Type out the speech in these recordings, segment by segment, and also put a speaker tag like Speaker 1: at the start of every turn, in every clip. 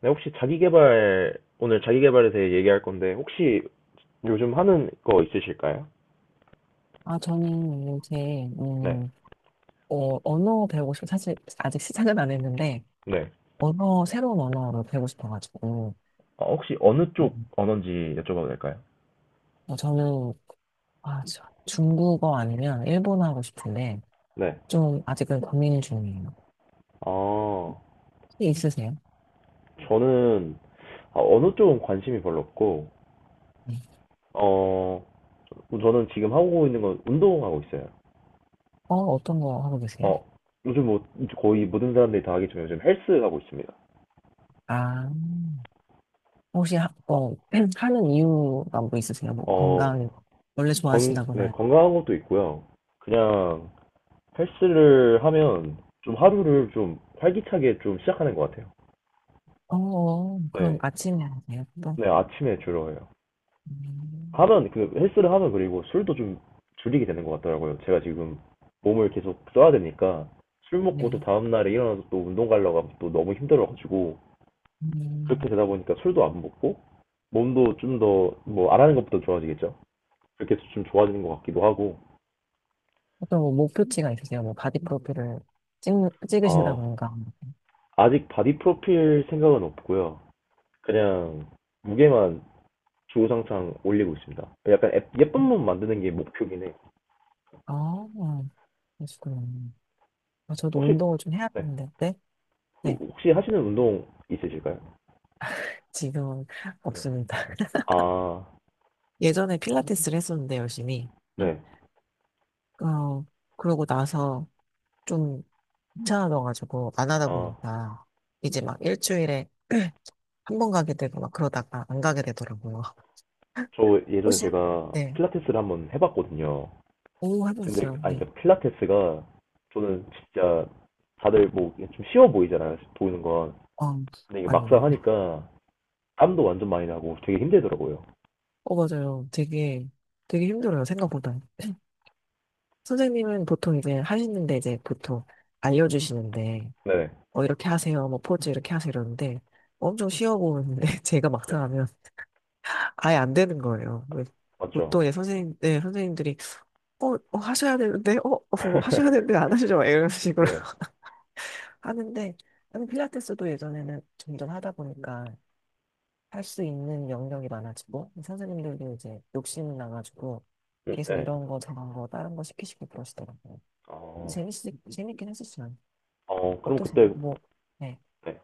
Speaker 1: 네, 혹시 자기계발, 오늘 자기계발에 대해 얘기할 건데, 혹시 요즘 하는 거 있으실까요?
Speaker 2: 아, 저는
Speaker 1: 네,
Speaker 2: 언어 배우고 싶어. 사실 아직 시작은 안 했는데,
Speaker 1: 네,
Speaker 2: 새로운 언어를 배우고 싶어가지고,
Speaker 1: 혹시 어느 쪽
Speaker 2: 음,
Speaker 1: 언어인지 여쭤봐도 될까요?
Speaker 2: 어, 저는, 중국어 아니면 일본어 하고 싶은데,
Speaker 1: 네.
Speaker 2: 좀 아직은 고민 중이에요.
Speaker 1: 아,
Speaker 2: 혹시 있으세요?
Speaker 1: 저는, 아, 어느 쪽은 관심이 별로 없고,
Speaker 2: 네.
Speaker 1: 어, 저는 지금 하고 있는 건 운동하고 있어요.
Speaker 2: 어, 어떤 거 하고 계세요?
Speaker 1: 어, 요즘 뭐, 거의 모든 사람들이 다 하겠지만 요즘 헬스 하고 있습니다.
Speaker 2: 아, 혹시, 하, 어, 하는 이유가 뭐 있으세요? 뭐
Speaker 1: 어,
Speaker 2: 건강, 원래
Speaker 1: 건, 네,
Speaker 2: 좋아하신다거나.
Speaker 1: 건강한 것도 있고요. 그냥 헬스를 하면 좀 하루를 좀 활기차게 좀 시작하는 것 같아요.
Speaker 2: 어, 그럼
Speaker 1: 네.
Speaker 2: 아침에 하세요? 또?
Speaker 1: 네, 아침에 주로 해요.
Speaker 2: 음,
Speaker 1: 하면, 그, 헬스를 하면 그리고 술도 좀 줄이게 되는 것 같더라고요. 제가 지금 몸을 계속 써야 되니까 술 먹고 또
Speaker 2: 네.
Speaker 1: 다음날에 일어나서 또 운동 가려고 하면 또 너무 힘들어가지고 그렇게
Speaker 2: 음.
Speaker 1: 되다 보니까 술도 안 먹고 몸도 좀 더 뭐 안 하는 것보다 좋아지겠죠? 그렇게 해서 좀 좋아지는 것 같기도 하고,
Speaker 2: 어떤 뭐 목표치가 있으세요? 뭐 바디 프로필을 찍,
Speaker 1: 어,
Speaker 2: 찍으신다던가.
Speaker 1: 아직 바디 프로필 생각은 없고요. 그냥 무게만 주구장창 올리고 있습니다. 약간 예쁜 몸 만드는 게 목표긴 해.
Speaker 2: 아, 그러시구나. 아, 저도
Speaker 1: 혹시
Speaker 2: 운동을 좀 해야
Speaker 1: 네.
Speaker 2: 하는데, 네? 네,
Speaker 1: 혹시 하시는 운동 있으실까요?
Speaker 2: 지금은
Speaker 1: 네.
Speaker 2: 없습니다.
Speaker 1: 아,
Speaker 2: 예전에 필라테스를 했었는데, 열심히.
Speaker 1: 네.
Speaker 2: 어, 그러고 나서 좀 귀찮아져가지고 안 하다
Speaker 1: 아,
Speaker 2: 보니까, 이제 막 일주일에 한 번 가게 되고 막 그러다가 안 가게 되더라고요.
Speaker 1: 저 예전에
Speaker 2: 혹시,
Speaker 1: 제가
Speaker 2: 네.
Speaker 1: 필라테스를 한번 해봤거든요.
Speaker 2: 오,
Speaker 1: 근데
Speaker 2: 해보셨어요?
Speaker 1: 아니 그
Speaker 2: 네.
Speaker 1: 필라테스가 저는 진짜 다들 뭐 좀 쉬워 보이잖아요. 보이는 건.
Speaker 2: 어,
Speaker 1: 근데 이게
Speaker 2: 아니요.
Speaker 1: 막상 하니까 땀도 완전 많이 나고 되게 힘들더라고요.
Speaker 2: 어, 맞아요. 되게, 되게 힘들어요. 생각보다. 선생님은 보통 이제 하시는데 이제 보통 알려주시는데
Speaker 1: 네.
Speaker 2: 어 이렇게 하세요 뭐 포즈 이렇게 하세요 이러는데 엄청 쉬워 보이는데 제가
Speaker 1: 네.
Speaker 2: 막상 하면 아예 안 되는 거예요. 왜
Speaker 1: 맞죠?
Speaker 2: 보통 이제 선생님 네 선생님들이 하셔야 되는데 하셔야 되는데 안 하시죠 막 이런 식으로
Speaker 1: 네.
Speaker 2: 하는데 나는 필라테스도 예전에는 점점 하다 보니까 할 수 있는 영역이 많아지고 선생님들도 이제 욕심 나가지고 계속
Speaker 1: 네.
Speaker 2: 이런 거 저런 거 다른 거 시키시고 그러시더라고요.
Speaker 1: 어,
Speaker 2: 재밌 재밌긴 했었어요.
Speaker 1: 어, 그럼
Speaker 2: 어떠세요?
Speaker 1: 그때
Speaker 2: 뭐, 네.
Speaker 1: 네.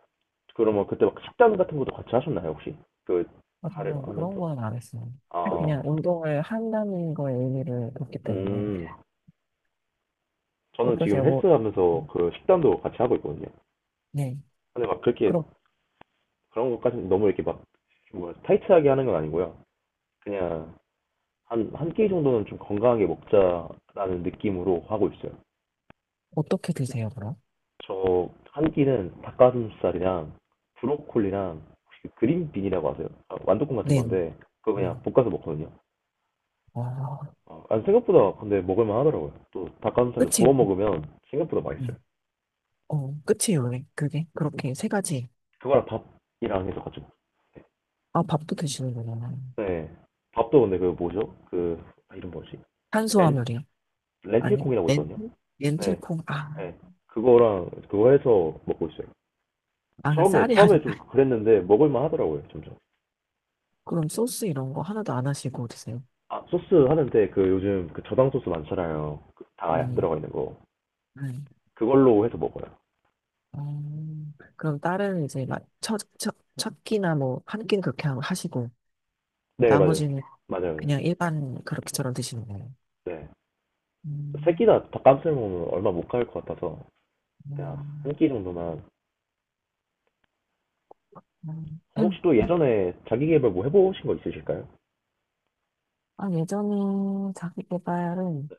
Speaker 1: 그러면 그때 막 식단 같은 것도 같이 하셨나요, 혹시? 그
Speaker 2: 아,
Speaker 1: 발을
Speaker 2: 저는 그런
Speaker 1: 하면서.
Speaker 2: 거는 안 했어요. 그냥
Speaker 1: 아,
Speaker 2: 운동을 한다는 거에 의미를 뒀기 때문에.
Speaker 1: 음. 저는 지금
Speaker 2: 어떠세요? 뭐,
Speaker 1: 헬스
Speaker 2: 네.
Speaker 1: 하면서 그 식단도 같이 하고 있거든요.
Speaker 2: 네.
Speaker 1: 근데 막 그렇게
Speaker 2: 그럼
Speaker 1: 그런 것까지 너무 이렇게 막 뭐, 타이트하게 하는 건 아니고요. 그냥 한끼 정도는 좀 건강하게 먹자라는 느낌으로 하고 있어요.
Speaker 2: 어떻게 드세요, 그럼?
Speaker 1: 저 한 끼는 닭가슴살이랑 브로콜리랑 혹시 그 그린빈이라고 아세요? 아, 완두콩 같은
Speaker 2: 네.
Speaker 1: 건데 그거 그냥
Speaker 2: 네.
Speaker 1: 볶아서 먹거든요.
Speaker 2: 아,
Speaker 1: 아, 아니, 생각보다 근데 먹을만 하더라고요. 또 닭가슴살을
Speaker 2: 끝이,
Speaker 1: 구워 먹으면 생각보다 맛있어요.
Speaker 2: 네. 어, 끝이에요, 왜? 그게? 그렇게 세 가지.
Speaker 1: 그거랑 밥이랑 해서 같이 먹-
Speaker 2: 아, 밥도 드시는구나.
Speaker 1: 네. 밥도 근데 그 뭐죠? 그 아, 이름 뭐지? 렌
Speaker 2: 탄수화물이요? 아니,
Speaker 1: 렌틸콩이라고
Speaker 2: 렌틸?
Speaker 1: 있거든요. 네.
Speaker 2: 렌틸콩? 아,
Speaker 1: 네. 그거랑 그거 해서 먹고 있어요.
Speaker 2: 아, 쌀이
Speaker 1: 처음에 좀
Speaker 2: 아니다.
Speaker 1: 그랬는데 먹을만 하더라고요, 점점.
Speaker 2: 그럼 소스 이런 거 하나도 안 하시고 드세요?
Speaker 1: 아, 소스 하는데 그 요즘 그 저당 소스 많잖아요. 그 다 안
Speaker 2: 음,
Speaker 1: 들어가 있는 거.
Speaker 2: 음.
Speaker 1: 그걸로 해서 먹어요.
Speaker 2: 그럼 딸은 이제 막 첫 끼나 뭐 한 끼는 그렇게 하시고
Speaker 1: 네, 맞아요.
Speaker 2: 나머지는
Speaker 1: 맞아요. 맞아요.
Speaker 2: 그냥 일반 그렇게처럼 드시는 거예요.
Speaker 1: 네.
Speaker 2: 음,
Speaker 1: 새끼나 닭가슴살 먹으면 얼마 못 갈 것 같아서 그냥 한
Speaker 2: 음,
Speaker 1: 끼 정도만.
Speaker 2: 음.
Speaker 1: 그럼 혹시 또 예전에 자기 계발 뭐 해보신 거 있으실까요?
Speaker 2: 아, 예전에 자기 개발은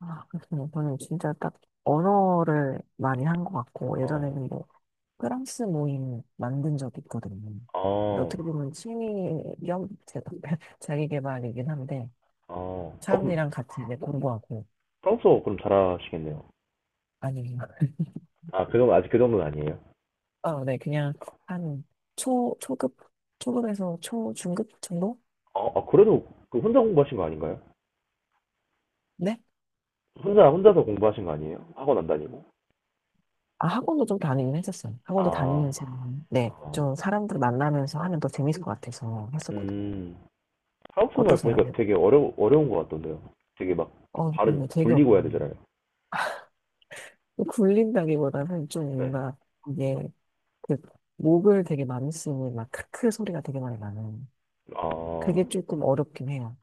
Speaker 2: 아, 그렇군요. 저는 진짜 딱 언어를 많이 한 것 같고
Speaker 1: 어,
Speaker 2: 예전에는 뭐 프랑스 모임 만든 적 있거든요. 근데
Speaker 1: 어,
Speaker 2: 어떻게 보면 취미 겸 자기 개발이긴 한데
Speaker 1: 어. 어, 그럼
Speaker 2: 사람들이랑 같이 이제 공부하고
Speaker 1: 프랑스어 그럼 잘하시겠네요.
Speaker 2: 아니
Speaker 1: 아, 그 정도, 아직 그 정도는 아니에요?
Speaker 2: 어, 네, 그냥 한 초급, 초급에서 중급 정도?
Speaker 1: 어, 아, 그래도 그 혼자 공부하신 거 아닌가요?
Speaker 2: 네?
Speaker 1: 혼자서 공부하신 거 아니에요? 학원 안 다니고?
Speaker 2: 아, 학원도 좀 다니긴 했었어요. 학원도
Speaker 1: 아,
Speaker 2: 다니면서, 네,
Speaker 1: 아.
Speaker 2: 좀 사람들 만나면서 하면 더 재밌을 것 같아서 했었거든요.
Speaker 1: 음. 프랑스어 말
Speaker 2: 어떠세요?
Speaker 1: 보니까
Speaker 2: 네.
Speaker 1: 되게 어려운 것 같던데요. 되게 막
Speaker 2: 어,
Speaker 1: 발음
Speaker 2: 네, 되게,
Speaker 1: 굴리고 해야
Speaker 2: 음,
Speaker 1: 되잖아요.
Speaker 2: 굴린다기보다는 좀
Speaker 1: 네.
Speaker 2: 뭔가, 이게, 그, 목을 되게 많이 쓰는, 막, 크크 소리가 되게 많이 나는.
Speaker 1: 아,
Speaker 2: 그게 조금 어렵긴 해요.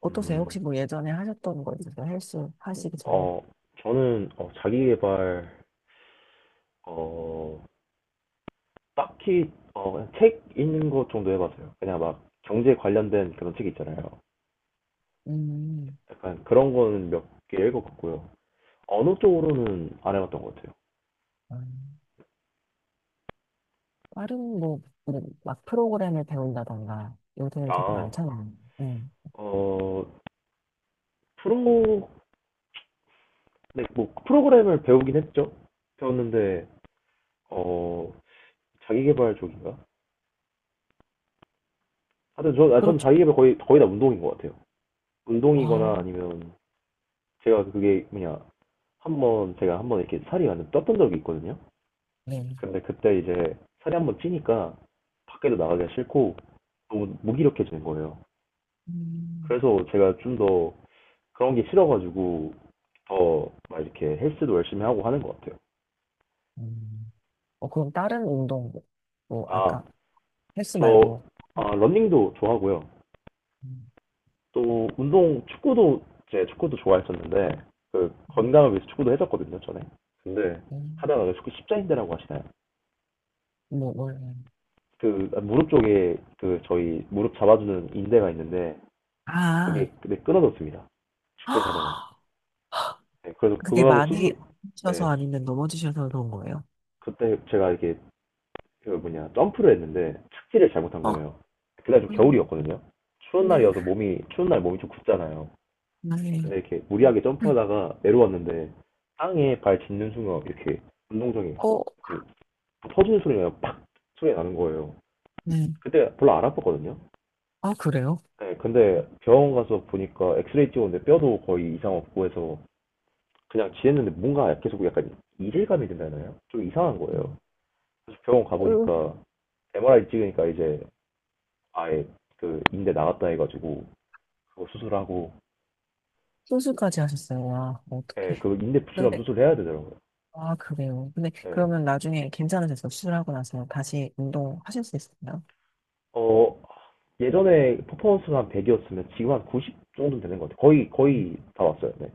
Speaker 2: 어떠세요? 혹시
Speaker 1: 음.
Speaker 2: 뭐 예전에 하셨던 거 있으세요? 헬스 하시기 전에?
Speaker 1: 어, 저는 자기계발 어, 딱히 그냥 책 읽는 것 정도 해봤어요. 그냥 막 경제 관련된 그런 책 있잖아요.
Speaker 2: 음,
Speaker 1: 약간 그런 거는 몇 개 읽어봤고요. 언어 쪽으로는 안 해봤던 것 같아요.
Speaker 2: 음. 다른 뭐, 그런 막 프로그램을 배운다던가, 요새는 되게
Speaker 1: 아,
Speaker 2: 많잖아요. 음.
Speaker 1: 어, 프로, 네, 뭐 프로그램을 배우긴 했죠. 배웠는데 어, 자기계발 쪽인가? 하여튼 저, 아, 전
Speaker 2: 그렇죠.
Speaker 1: 자기계발 거의 다 운동인 것 같아요.
Speaker 2: 아,
Speaker 1: 운동이거나 아니면 제가 그게 뭐냐 한번 이렇게 살이 완전 떴던 적이 있거든요.
Speaker 2: 네.
Speaker 1: 근데 그때 이제 살이 한번 찌니까 밖에도 나가기가 싫고 너무 무기력해지는 거예요.
Speaker 2: 음.
Speaker 1: 그래서 제가 좀 더 그런 게 싫어가지고 더 막 이렇게 헬스도 열심히 하고 하는 것 같아요.
Speaker 2: 음. 어, 그럼 다른 운동, 뭐
Speaker 1: 아,
Speaker 2: 아까 헬스
Speaker 1: 저
Speaker 2: 말고,
Speaker 1: 아, 러닝도 좋아하고요.
Speaker 2: 음,
Speaker 1: 또 운동 축구도 제 축구도 좋아했었는데 그
Speaker 2: 음,
Speaker 1: 건강을 위해서 축구도 했었거든요, 전에. 근데
Speaker 2: 음.
Speaker 1: 하다가 그 축구 십자인대라고 하시나요?
Speaker 2: 뭐, 뭘,
Speaker 1: 그 무릎 쪽에 그 저희 무릎 잡아주는 인대가 있는데 그게
Speaker 2: 아,
Speaker 1: 근데 끊어졌습니다. 축구를 하다가. 네, 그래서
Speaker 2: 그게
Speaker 1: 그거하고
Speaker 2: 많이
Speaker 1: 수술,
Speaker 2: 하셔서
Speaker 1: 네.
Speaker 2: 아니면 넘어지셔서 그런 거예요?
Speaker 1: 그때 제가 이렇게 그 뭐냐 점프를 했는데 착지를 잘못한
Speaker 2: 어,
Speaker 1: 거예요. 그날 좀
Speaker 2: 음,
Speaker 1: 겨울이었거든요. 추운
Speaker 2: 음,
Speaker 1: 날이어서 몸이 추운 날 몸이 좀 굳잖아요.
Speaker 2: 네.
Speaker 1: 근데 이렇게 무리하게
Speaker 2: 음,
Speaker 1: 점프하다가 내려왔는데 땅에 발 짚는 순간 이렇게 운동장이
Speaker 2: 어,
Speaker 1: 그 터지는 소리가 팍 소리 나는 거예요.
Speaker 2: 네.
Speaker 1: 그때 별로 안 아팠거든요.
Speaker 2: 아, 그래요?
Speaker 1: 네, 근데 병원 가서 보니까 엑스레이 찍었는데 뼈도 거의 이상 없고 해서 그냥 지냈는데 뭔가 계속 약간 이질감이 든다나요? 좀 이상한 거예요.
Speaker 2: 음.
Speaker 1: 그래서 병원
Speaker 2: 음,
Speaker 1: 가보니까 MRI 찍으니까 이제 아예 그 인대 나갔다 해가지고 그거 수술하고
Speaker 2: 수술까지 하셨어요. 와,
Speaker 1: 예,
Speaker 2: 어떡해.
Speaker 1: 그 인대 붙이려면
Speaker 2: 근데,
Speaker 1: 수술해야 되더라고요.
Speaker 2: 아, 그래요. 근데
Speaker 1: 예.
Speaker 2: 그러면 나중에 괜찮으셔서 수술하고 나서 다시 운동하실 수 있을까요?
Speaker 1: 어, 예전에 퍼포먼스가 한 100이었으면 지금 한 90 정도 되는 것 같아요.
Speaker 2: 음,
Speaker 1: 거의 다 왔어요. 네.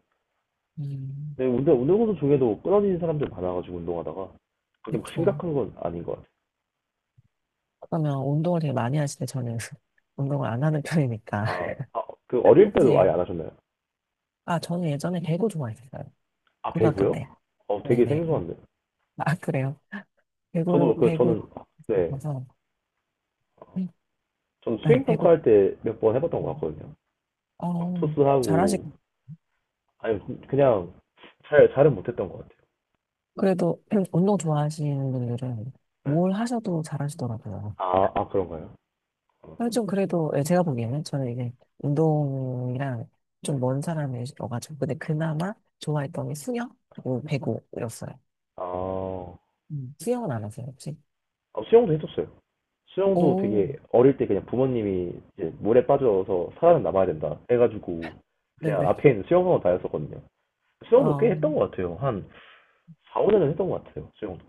Speaker 2: 음,
Speaker 1: 데 운동선수 중에도 끊어지는 사람들 많아가지고 운동하다가 그게 막
Speaker 2: 그렇죠.
Speaker 1: 심각한 건 아닌 것 같아요.
Speaker 2: 그러면 운동을 되게 많이 하시는데 저는 운동을 안 하는 편이니까.
Speaker 1: 아, 아, 그 어릴 때도 아예
Speaker 2: 혹시,
Speaker 1: 안 하셨나요?
Speaker 2: 아, 저는 예전에 배구 좋아했어요.
Speaker 1: 아,
Speaker 2: 고등학교
Speaker 1: 배구요?
Speaker 2: 때.
Speaker 1: 어, 되게
Speaker 2: 네네.
Speaker 1: 생소한데.
Speaker 2: 아, 그래요? 배구를,
Speaker 1: 저도 그
Speaker 2: 배구,
Speaker 1: 저는 네,
Speaker 2: 가서,
Speaker 1: 저는
Speaker 2: 네,
Speaker 1: 수행
Speaker 2: 배구,
Speaker 1: 평가할 때 몇 번 해봤던 것 같거든요. 막
Speaker 2: 어, 잘하시,
Speaker 1: 토스하고 아니 그냥 잘 잘은 못했던 것 같아요.
Speaker 2: 그래도 운동 좋아하시는 분들은
Speaker 1: 네.
Speaker 2: 뭘 하셔도 잘하시더라고요.
Speaker 1: 아, 아 그런가요?
Speaker 2: 아, 좀 그래도 예, 제가 보기에는 저는 이제 운동이랑
Speaker 1: 네.
Speaker 2: 좀 먼 사람이어가지고 근데 그나마 좋아했던 게 수영 그리고 배구였어요.
Speaker 1: 아,
Speaker 2: 수영은 안 하세요 혹시?
Speaker 1: 아, 수영도 해줬어요. 수영도
Speaker 2: 오,
Speaker 1: 되게 어릴 때 그냥 부모님이 이제 물에 빠져서 살아남아야 된다 해가지고 그냥
Speaker 2: 네네.
Speaker 1: 앞에 있는 수영학원 다녔었거든요. 수영도
Speaker 2: 아,
Speaker 1: 꽤 했던 것 같아요. 한 4, 5년은 했던 것 같아요. 수영도.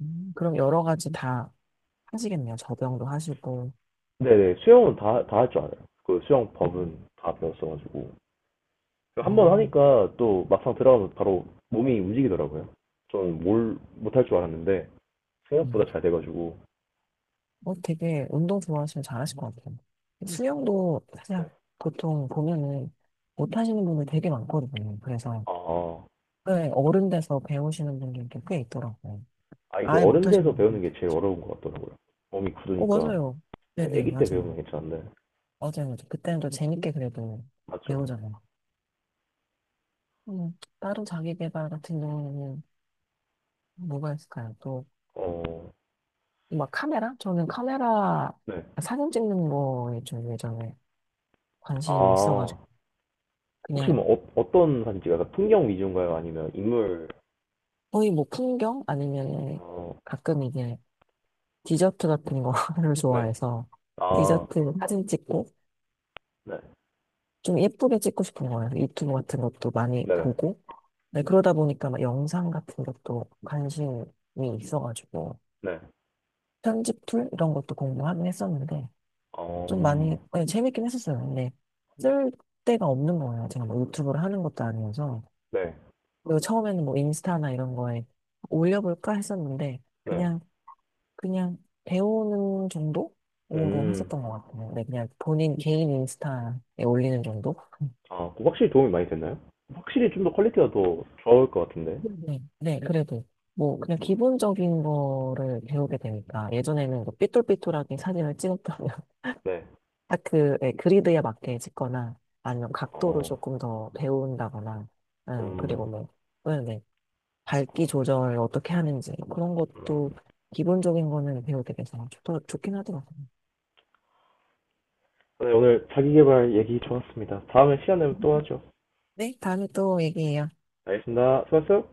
Speaker 2: 그럼 여러 가지 다 하시겠네요. 접영도 하시고.
Speaker 1: 네네, 수영은 다 할 줄 알아요. 그 수영
Speaker 2: 음.
Speaker 1: 법은 다 배웠어가지고.
Speaker 2: 아,
Speaker 1: 한 번 하니까 또 막상 들어가면 바로 몸이 움직이더라고요. 저는 뭘 못할 줄 알았는데
Speaker 2: 음.
Speaker 1: 생각보다 잘 돼가지고
Speaker 2: 어, 되게 운동 좋아하시면 잘하실 것 같아요. 수영도 사실
Speaker 1: 네.
Speaker 2: 보통 보면은 못 하시는 분들 되게 많거든요. 그래서
Speaker 1: 아,
Speaker 2: 네, 어른 돼서 배우시는 분들도 꽤 있더라고요.
Speaker 1: 아 이제
Speaker 2: 아예 못
Speaker 1: 어른
Speaker 2: 하시는
Speaker 1: 돼서 배우는
Speaker 2: 분들.
Speaker 1: 게 제일 어려운 것 같더라고요. 몸이
Speaker 2: 어,
Speaker 1: 굳으니까
Speaker 2: 맞아요.
Speaker 1: 네,
Speaker 2: 네네,
Speaker 1: 아기 때 배우면
Speaker 2: 맞아요.
Speaker 1: 괜찮은데
Speaker 2: 맞아요. 맞아요. 그때는 또 재밌게 그래도
Speaker 1: 맞죠?
Speaker 2: 배우잖아요. 따로 자기 개발 같은 경우는 뭐가 있을까요? 또,
Speaker 1: 어,
Speaker 2: 막 카메라? 저는 카메라
Speaker 1: 네.
Speaker 2: 사진 찍는 거에 좀 예전에 관심이
Speaker 1: 아
Speaker 2: 있어가지고,
Speaker 1: 혹시
Speaker 2: 그냥
Speaker 1: 뭐 어떤 사진 찍어요? 약간 풍경 위주인가요? 아니면 인물?
Speaker 2: 거의 뭐 풍경? 아니면
Speaker 1: 어,
Speaker 2: 가끔 이게 디저트 같은 거를
Speaker 1: 네.
Speaker 2: 좋아해서
Speaker 1: 아,
Speaker 2: 디저트 사진 찍고,
Speaker 1: 네.
Speaker 2: 좀 예쁘게 찍고 싶은 거예요. 유튜브 같은 것도 많이
Speaker 1: 네네.
Speaker 2: 보고. 네, 그러다 보니까 막 영상 같은 것도 관심이 있어가지고,
Speaker 1: 네.
Speaker 2: 편집 툴 이런 것도 공부하긴 했었는데, 좀 많이,
Speaker 1: 음,
Speaker 2: 네, 재밌긴 했었어요. 근데 쓸 데가 없는 거예요. 제가 뭐 유튜브를 하는 것도 아니어서.
Speaker 1: 네.
Speaker 2: 그리고 처음에는 뭐 인스타나 이런 거에 올려볼까 했었는데,
Speaker 1: 네.
Speaker 2: 그냥 배우는 정도로
Speaker 1: 음,
Speaker 2: 했었던 것 같아요. 네, 그냥 본인 개인 인스타에 올리는 정도?
Speaker 1: 아, 그거 확실히 도움이 많이 됐나요? 확실히 좀 더 퀄리티가 더 좋을 것 같은데.
Speaker 2: 네, 그래도 뭐 그냥 기본적인 거를 배우게 되니까 예전에는 뭐 삐뚤삐뚤하게 사진을 찍었다면
Speaker 1: 네.
Speaker 2: 딱그 예, 그리드에 맞게 찍거나 아니면 각도를
Speaker 1: 어,
Speaker 2: 조금 더 배운다거나 응,
Speaker 1: 음,
Speaker 2: 그리고 뭐 네, 밝기 조절 어떻게 하는지 그런 것도
Speaker 1: 음.
Speaker 2: 기본적인 거는 배우게 돼서 좋긴 하더라고요.
Speaker 1: 네, 오늘 자기계발 얘기 좋았습니다. 다음에 시간 되면 또 하죠.
Speaker 2: 네, 다음에 또 얘기해요.
Speaker 1: 알겠습니다. 수고하셨어요.